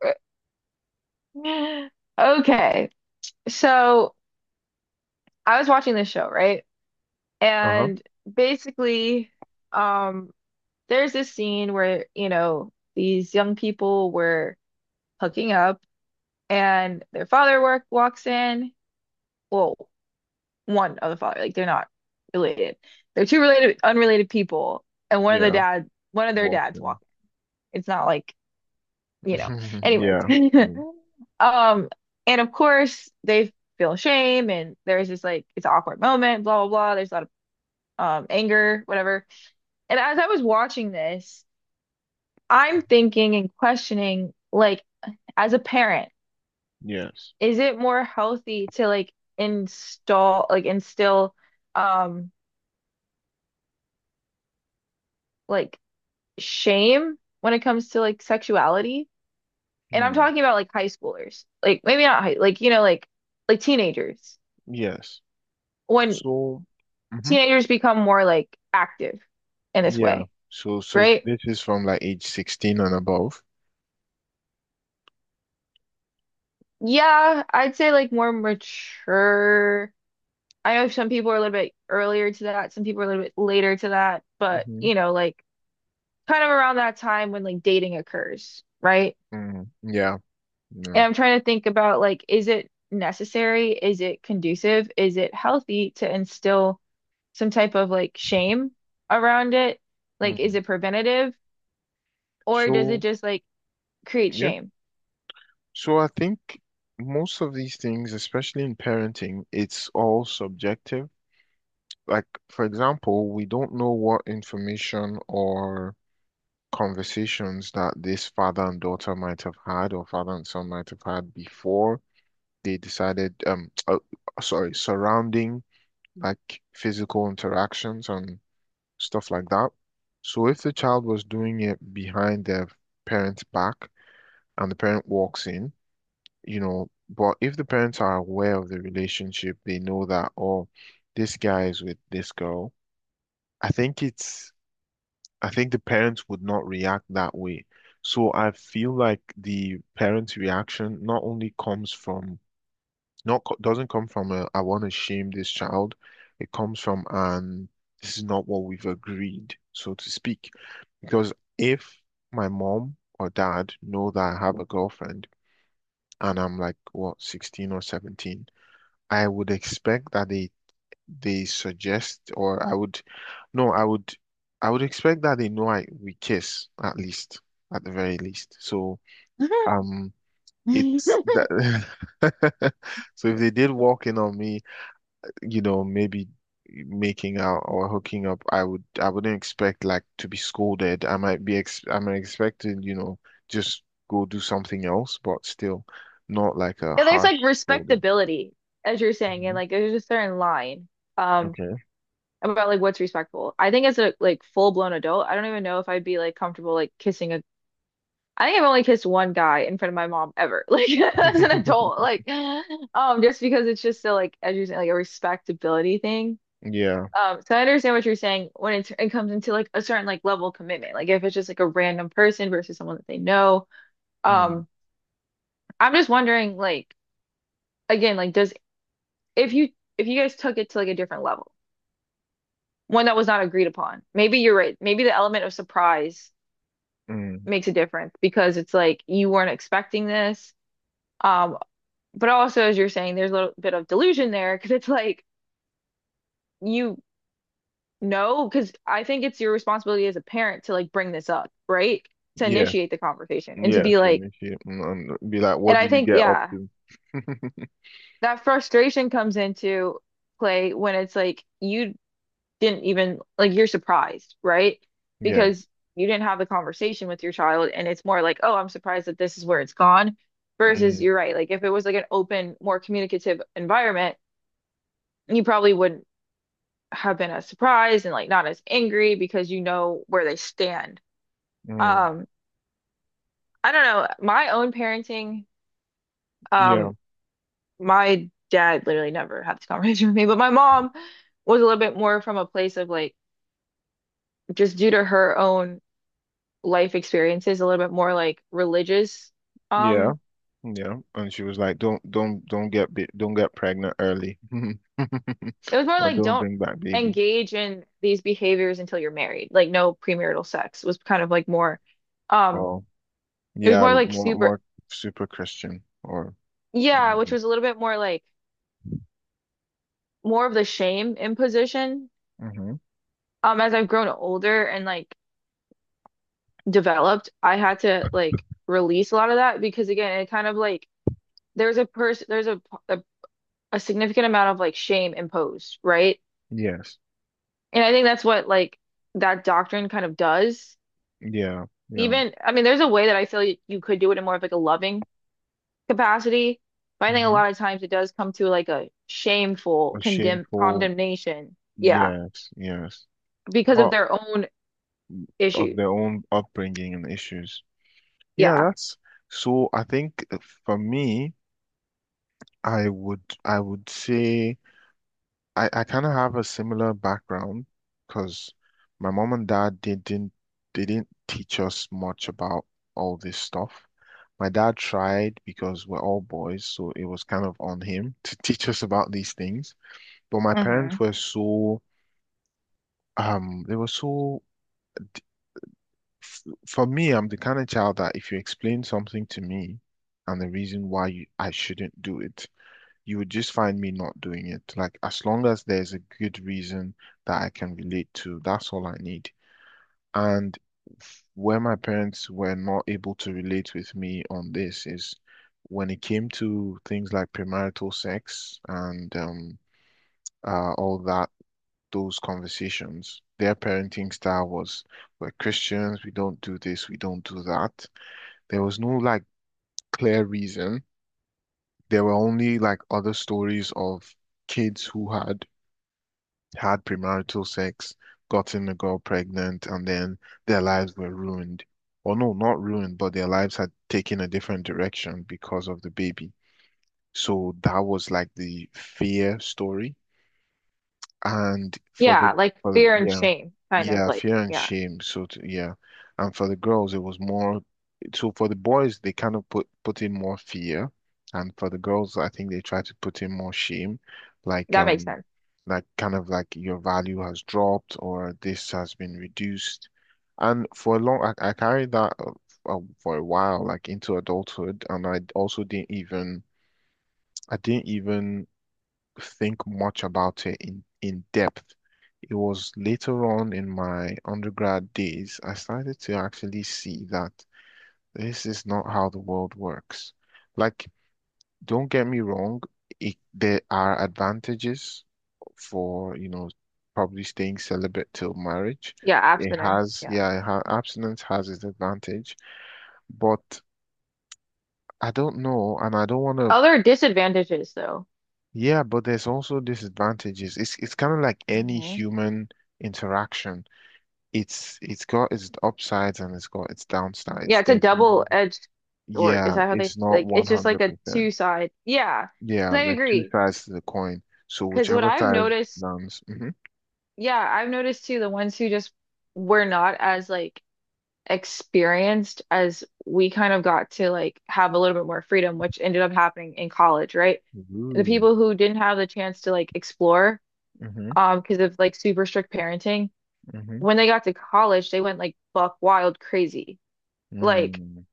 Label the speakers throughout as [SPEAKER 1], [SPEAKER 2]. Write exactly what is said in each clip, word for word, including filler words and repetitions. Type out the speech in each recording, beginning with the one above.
[SPEAKER 1] Okay. So I was watching this show, right?
[SPEAKER 2] Uh-huh.
[SPEAKER 1] And basically, um, there's this scene where, you know, these young people were hooking up and their father work walks in. Well, one of the father, like they're not related. They're two related, unrelated people, and one of the
[SPEAKER 2] Yeah.
[SPEAKER 1] dad, one of their
[SPEAKER 2] Walks
[SPEAKER 1] dads
[SPEAKER 2] in.
[SPEAKER 1] walk in. It's not like you know, anyways.
[SPEAKER 2] Yeah. Mm.
[SPEAKER 1] Um, and of course they feel shame and there's this like it's an awkward moment, blah blah blah. There's a lot of um anger, whatever. And as I was watching this, I'm thinking and questioning, like, as a parent,
[SPEAKER 2] Yes.
[SPEAKER 1] is it more healthy to like install like instill um like shame when it comes to like sexuality? And I'm
[SPEAKER 2] Hmm.
[SPEAKER 1] talking about like high schoolers. Like maybe not high, like you know, like like teenagers
[SPEAKER 2] Yes.
[SPEAKER 1] when
[SPEAKER 2] So, hmm
[SPEAKER 1] teenagers become more like active in this
[SPEAKER 2] Yeah.
[SPEAKER 1] way,
[SPEAKER 2] So, so
[SPEAKER 1] right?
[SPEAKER 2] this is from like age sixteen and above.
[SPEAKER 1] Yeah, I'd say like more mature. I know some people are a little bit earlier to that, some people are a little bit later to that, but
[SPEAKER 2] Mm-hmm.
[SPEAKER 1] you know, like kind of around that time when like dating occurs, right?
[SPEAKER 2] Mm. Yeah.
[SPEAKER 1] And
[SPEAKER 2] No.
[SPEAKER 1] I'm trying to think about like, is it necessary? Is it conducive? Is it healthy to instill some type of like shame around it? Like, is
[SPEAKER 2] Mm.
[SPEAKER 1] it preventative or does it
[SPEAKER 2] So,
[SPEAKER 1] just like create
[SPEAKER 2] yeah.
[SPEAKER 1] shame?
[SPEAKER 2] So I think most of these things, especially in parenting, it's all subjective. Like, for example, we don't know what information or conversations that this father and daughter might have had, or father and son might have had before they decided, um, uh, sorry, surrounding like physical interactions and stuff like that. So if the child was doing it behind their parent's back and the parent walks in, you know, but if the parents are aware of the relationship, they know that, oh, this guy is with this girl. I think it's I think the parents would not react that way. So I feel like the parents' reaction not only comes from not co- doesn't come from a I want to shame this child. It comes from an this is not what we've agreed, so to speak. Because if my mom or dad know that I have a girlfriend and I'm like what sixteen or seventeen, I would expect that they they suggest, or I would, no, I would, I would expect that they know I we kiss at least, at the very least. So um, it's that. So if they did walk in on me, you know, maybe making out or hooking up, I would, I wouldn't expect like to be scolded. I might be, ex I might expect to, you know, just go do something else, but still, not like a
[SPEAKER 1] Yeah, there's
[SPEAKER 2] harsh
[SPEAKER 1] like
[SPEAKER 2] scolding.
[SPEAKER 1] respectability, as you're saying, and
[SPEAKER 2] Mhm.
[SPEAKER 1] like there's a certain line um
[SPEAKER 2] Okay.
[SPEAKER 1] about like what's respectful. I think as a like full blown adult, I don't even know if I'd be like comfortable like kissing a I think I've only kissed one guy in front of my mom ever, like as an adult, like um just because it's just so like as you're saying, like a respectability thing.
[SPEAKER 2] Yeah.
[SPEAKER 1] Um, so I understand what you're saying when it, it comes into like a certain like level of commitment, like if it's just like a random person versus someone that they know.
[SPEAKER 2] Mm.
[SPEAKER 1] Um, I'm just wondering like again, like does if you if you guys took it to like a different level, one that was not agreed upon. Maybe you're right. Maybe the element of surprise
[SPEAKER 2] Mm.
[SPEAKER 1] makes a difference because it's like you weren't expecting this. Um, but also as you're saying, there's a little bit of delusion there because it's like you know, because I think it's your responsibility as a parent to like bring this up, right? To
[SPEAKER 2] Yeah,
[SPEAKER 1] initiate the conversation and to
[SPEAKER 2] yeah,
[SPEAKER 1] be like,
[SPEAKER 2] finish it and, and be like,
[SPEAKER 1] and
[SPEAKER 2] what do
[SPEAKER 1] I
[SPEAKER 2] you
[SPEAKER 1] think,
[SPEAKER 2] get up
[SPEAKER 1] yeah,
[SPEAKER 2] to?
[SPEAKER 1] that frustration comes into play when it's like you didn't even like you're surprised, right?
[SPEAKER 2] Yeah.
[SPEAKER 1] Because you didn't have the conversation with your child, and it's more like, oh, I'm surprised that this is where it's gone. Versus,
[SPEAKER 2] Mm,
[SPEAKER 1] you're right. Like if it was like an open, more communicative environment, you probably wouldn't have been as surprised and like not as angry because you know where they stand.
[SPEAKER 2] mm,
[SPEAKER 1] Um, I don't know. My own parenting,
[SPEAKER 2] yeah,
[SPEAKER 1] um, my dad literally never had this conversation with me, but my mom was a little bit more from a place of like just due to her own life experiences, a little bit more like religious.
[SPEAKER 2] yeah,
[SPEAKER 1] Um,
[SPEAKER 2] yeah. And she was like, don't, don't, don't get, ba- don't get pregnant early,
[SPEAKER 1] it was more
[SPEAKER 2] or
[SPEAKER 1] like
[SPEAKER 2] don't
[SPEAKER 1] don't
[SPEAKER 2] bring back babies.
[SPEAKER 1] engage in these behaviors until you're married. Like no premarital sex was kind of like more um
[SPEAKER 2] Oh,
[SPEAKER 1] it was
[SPEAKER 2] yeah,
[SPEAKER 1] more like
[SPEAKER 2] more,
[SPEAKER 1] super
[SPEAKER 2] more super Christian or.
[SPEAKER 1] yeah, which
[SPEAKER 2] Religious.
[SPEAKER 1] was a little bit more like more of the shame imposition.
[SPEAKER 2] Mm-hmm.
[SPEAKER 1] Um, as I've grown older and like developed, I had to like release a lot of that because again, it kind of like there's a person there's a, a a significant amount of like shame imposed, right?
[SPEAKER 2] Yes.
[SPEAKER 1] And I think that's what like that doctrine kind of does.
[SPEAKER 2] Yeah. Yeah.
[SPEAKER 1] Even, I mean, there's a way that I feel you, you could do it in more of like a loving capacity, but I think a
[SPEAKER 2] Mm-hmm.
[SPEAKER 1] lot of times it does come to like a shameful
[SPEAKER 2] A
[SPEAKER 1] condemn
[SPEAKER 2] shameful.
[SPEAKER 1] condemnation. Yeah,
[SPEAKER 2] Yes. Yes.
[SPEAKER 1] because of
[SPEAKER 2] Part
[SPEAKER 1] their own
[SPEAKER 2] of
[SPEAKER 1] issues.
[SPEAKER 2] their own upbringing and issues. Yeah,
[SPEAKER 1] Yeah.
[SPEAKER 2] that's so I think uh, for me, I would I would say I, I kind of have a similar background because my mom and dad they didn't they didn't teach us much about all this stuff. My dad tried because we're all boys, so it was kind of on him to teach us about these things. But my parents
[SPEAKER 1] Hmm.
[SPEAKER 2] were so um they were so f- for me, I'm the kind of child that if you explain something to me and the reason why you, I shouldn't do it. You would just find me not doing it. Like, as long as there's a good reason that I can relate to, that's all I need. And f- where my parents were not able to relate with me on this is when it came to things like premarital sex and um, uh, all that, those conversations. Their parenting style was, we're Christians, we don't do this, we don't do that. There was no like clear reason. There were only like other stories of kids who had had premarital sex, gotten a girl pregnant, and then their lives were ruined. Or no, not ruined, but their lives had taken a different direction because of the baby. So that was like the fear story. And for the,
[SPEAKER 1] Yeah, like
[SPEAKER 2] for the
[SPEAKER 1] fear and
[SPEAKER 2] yeah,
[SPEAKER 1] shame, kind of
[SPEAKER 2] yeah,
[SPEAKER 1] like,
[SPEAKER 2] fear and
[SPEAKER 1] yeah,
[SPEAKER 2] shame. So t yeah, and for the girls, it was more. So for the boys, they kind of put put in more fear, and for the girls, I think they try to put in more shame, like
[SPEAKER 1] that makes
[SPEAKER 2] um,
[SPEAKER 1] sense.
[SPEAKER 2] like kind of like your value has dropped or this has been reduced, and for a long, I, I carried that uh, f- uh, for a while, like into adulthood, and I also didn't even I didn't even think much about it in, in depth. It was later on in my undergrad days, I started to actually see that this is not how the world works. Like, don't get me wrong, it, there are advantages for, you know, probably staying celibate till marriage.
[SPEAKER 1] Yeah,
[SPEAKER 2] It
[SPEAKER 1] abstinence.
[SPEAKER 2] has,
[SPEAKER 1] Yeah.
[SPEAKER 2] yeah, it ha abstinence has its advantage, but I don't know, and I don't want to
[SPEAKER 1] Other disadvantages though.
[SPEAKER 2] Yeah, but there's also disadvantages. It's it's kind of like any
[SPEAKER 1] Hmm.
[SPEAKER 2] human interaction. It's it's got its upsides and it's got its
[SPEAKER 1] Yeah,
[SPEAKER 2] downsides.
[SPEAKER 1] it's a
[SPEAKER 2] There's no,
[SPEAKER 1] double-edged sword. Is
[SPEAKER 2] yeah,
[SPEAKER 1] that how they
[SPEAKER 2] it's not
[SPEAKER 1] like it's just like a two
[SPEAKER 2] one hundred percent.
[SPEAKER 1] side. Yeah. 'Cause
[SPEAKER 2] Yeah,
[SPEAKER 1] I
[SPEAKER 2] there are two
[SPEAKER 1] agree.
[SPEAKER 2] sides to the coin. So
[SPEAKER 1] Cause what
[SPEAKER 2] whichever
[SPEAKER 1] I've
[SPEAKER 2] side
[SPEAKER 1] noticed,
[SPEAKER 2] lands, hmm
[SPEAKER 1] yeah, I've noticed too, the ones who just were not as like experienced as we kind of got to like have a little bit more freedom, which ended up happening in college, right? The
[SPEAKER 2] Ooh,
[SPEAKER 1] people who didn't have the chance to like explore,
[SPEAKER 2] hmm
[SPEAKER 1] um, because of like super strict parenting,
[SPEAKER 2] hmm
[SPEAKER 1] when they got to college, they went like buck wild crazy. Like
[SPEAKER 2] Mm.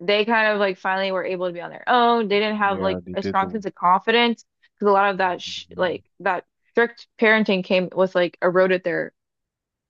[SPEAKER 1] they kind of like finally were able to be on their own. They didn't have like
[SPEAKER 2] Yeah, they
[SPEAKER 1] a
[SPEAKER 2] did the
[SPEAKER 1] strong sense of confidence because a lot of that sh
[SPEAKER 2] mm,
[SPEAKER 1] like that strict parenting came with like eroded their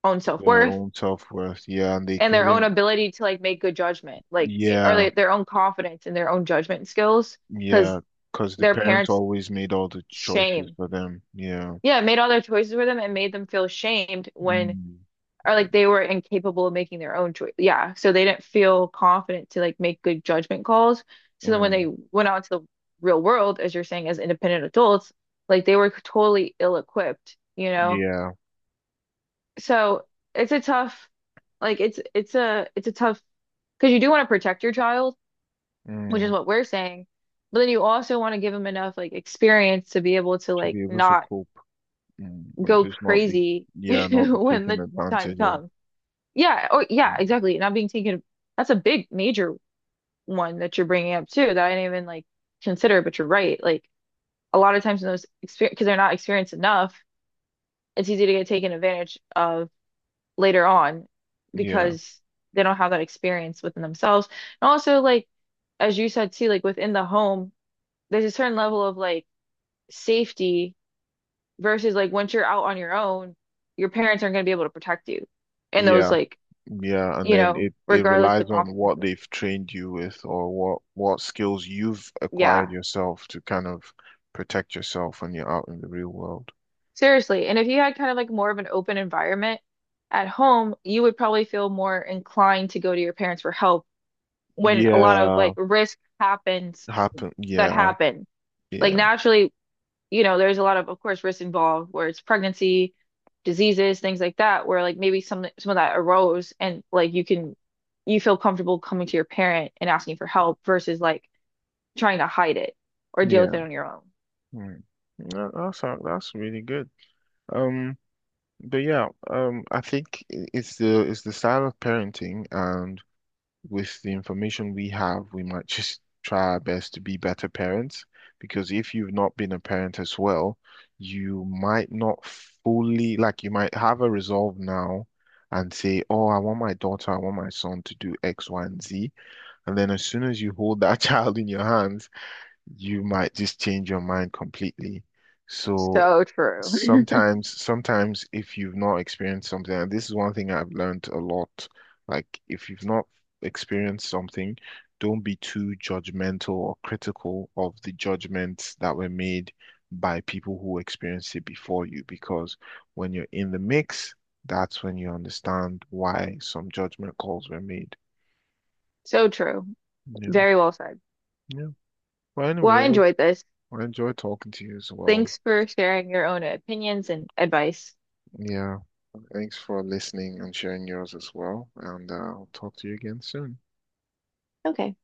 [SPEAKER 1] own
[SPEAKER 2] their
[SPEAKER 1] self-worth
[SPEAKER 2] own self-worth. Yeah, and they
[SPEAKER 1] and their own
[SPEAKER 2] couldn't.
[SPEAKER 1] ability to like make good judgment, like eh, or
[SPEAKER 2] Yeah,
[SPEAKER 1] like, their own confidence and their own judgment skills because
[SPEAKER 2] yeah, because the
[SPEAKER 1] their
[SPEAKER 2] parents
[SPEAKER 1] parents
[SPEAKER 2] always made all the choices
[SPEAKER 1] shame.
[SPEAKER 2] for them. Yeah.
[SPEAKER 1] Yeah, it made all their choices for them and made them feel shamed when
[SPEAKER 2] Mm,
[SPEAKER 1] or like they were incapable of making their own choice. Yeah, so they didn't feel confident to like make good judgment calls. So then when they
[SPEAKER 2] mm,
[SPEAKER 1] went out to the real world, as you're saying, as independent adults, like they were totally ill-equipped, you know?
[SPEAKER 2] yeah,
[SPEAKER 1] So it's a tough, like it's it's a it's a tough because you do want to protect your child, which
[SPEAKER 2] mm,
[SPEAKER 1] is what we're saying, but then you also want to give them enough like experience to be able to
[SPEAKER 2] to
[SPEAKER 1] like
[SPEAKER 2] be able to
[SPEAKER 1] not
[SPEAKER 2] cope mm, and
[SPEAKER 1] go
[SPEAKER 2] just not be,
[SPEAKER 1] crazy
[SPEAKER 2] yeah, not be
[SPEAKER 1] when
[SPEAKER 2] taken
[SPEAKER 1] the time
[SPEAKER 2] advantage of.
[SPEAKER 1] comes. Yeah, or yeah,
[SPEAKER 2] Mm,
[SPEAKER 1] exactly. Not being taken. That's a big major one that you're bringing up too that I didn't even like consider, but you're right. Like a lot of times in those experience because they're not experienced enough, it's easy to get taken advantage of later on
[SPEAKER 2] Yeah,
[SPEAKER 1] because they don't have that experience within themselves. And also like as you said too, like within the home, there's a certain level of like safety versus like once you're out on your own, your parents aren't going to be able to protect you in those
[SPEAKER 2] yeah,
[SPEAKER 1] like,
[SPEAKER 2] yeah, and
[SPEAKER 1] you
[SPEAKER 2] then
[SPEAKER 1] know,
[SPEAKER 2] it it
[SPEAKER 1] regardless of the
[SPEAKER 2] relies on what
[SPEAKER 1] consequences.
[SPEAKER 2] they've trained you with or what what skills you've acquired
[SPEAKER 1] Yeah.
[SPEAKER 2] yourself to kind of protect yourself when you're out in the real world.
[SPEAKER 1] Seriously. And if you had kind of like more of an open environment at home, you would probably feel more inclined to go to your parents for help when a lot of
[SPEAKER 2] Yeah,
[SPEAKER 1] like risk happens
[SPEAKER 2] happen.
[SPEAKER 1] that
[SPEAKER 2] Yeah,
[SPEAKER 1] happen. Like
[SPEAKER 2] yeah,
[SPEAKER 1] naturally, you know, there's a lot of, of course, risk involved where it's pregnancy, diseases, things like that, where like maybe some some of that arose and like you can you feel comfortable coming to your parent and asking for help versus like trying to hide it or deal with
[SPEAKER 2] yeah.
[SPEAKER 1] it on your own.
[SPEAKER 2] Mm. That, that's that's really good. Um. But yeah, um, I think i- it's the it's the style of parenting, and with the information we have, we might just try our best to be better parents. Because if you've not been a parent as well, you might not fully like you might have a resolve now and say, "Oh, I want my daughter, I want my son to do X, Y, and Z," and then as soon as you hold that child in your hands, you might just change your mind completely. So
[SPEAKER 1] So true.
[SPEAKER 2] Sometimes, sometimes if you've not experienced something, and this is one thing I've learned a lot, like if you've not experienced something, don't be too judgmental or critical of the judgments that were made by people who experienced it before you, because when you're in the mix, that's when you understand why some judgment calls were made,
[SPEAKER 1] So true.
[SPEAKER 2] you know.
[SPEAKER 1] Very well said.
[SPEAKER 2] Yeah. But
[SPEAKER 1] Well,
[SPEAKER 2] anyway,
[SPEAKER 1] I
[SPEAKER 2] it was,
[SPEAKER 1] enjoyed this.
[SPEAKER 2] I enjoyed talking to you as well.
[SPEAKER 1] Thanks for sharing your own opinions and advice.
[SPEAKER 2] Yeah. Thanks for listening and sharing yours as well. And uh, I'll talk to you again soon.
[SPEAKER 1] Okay.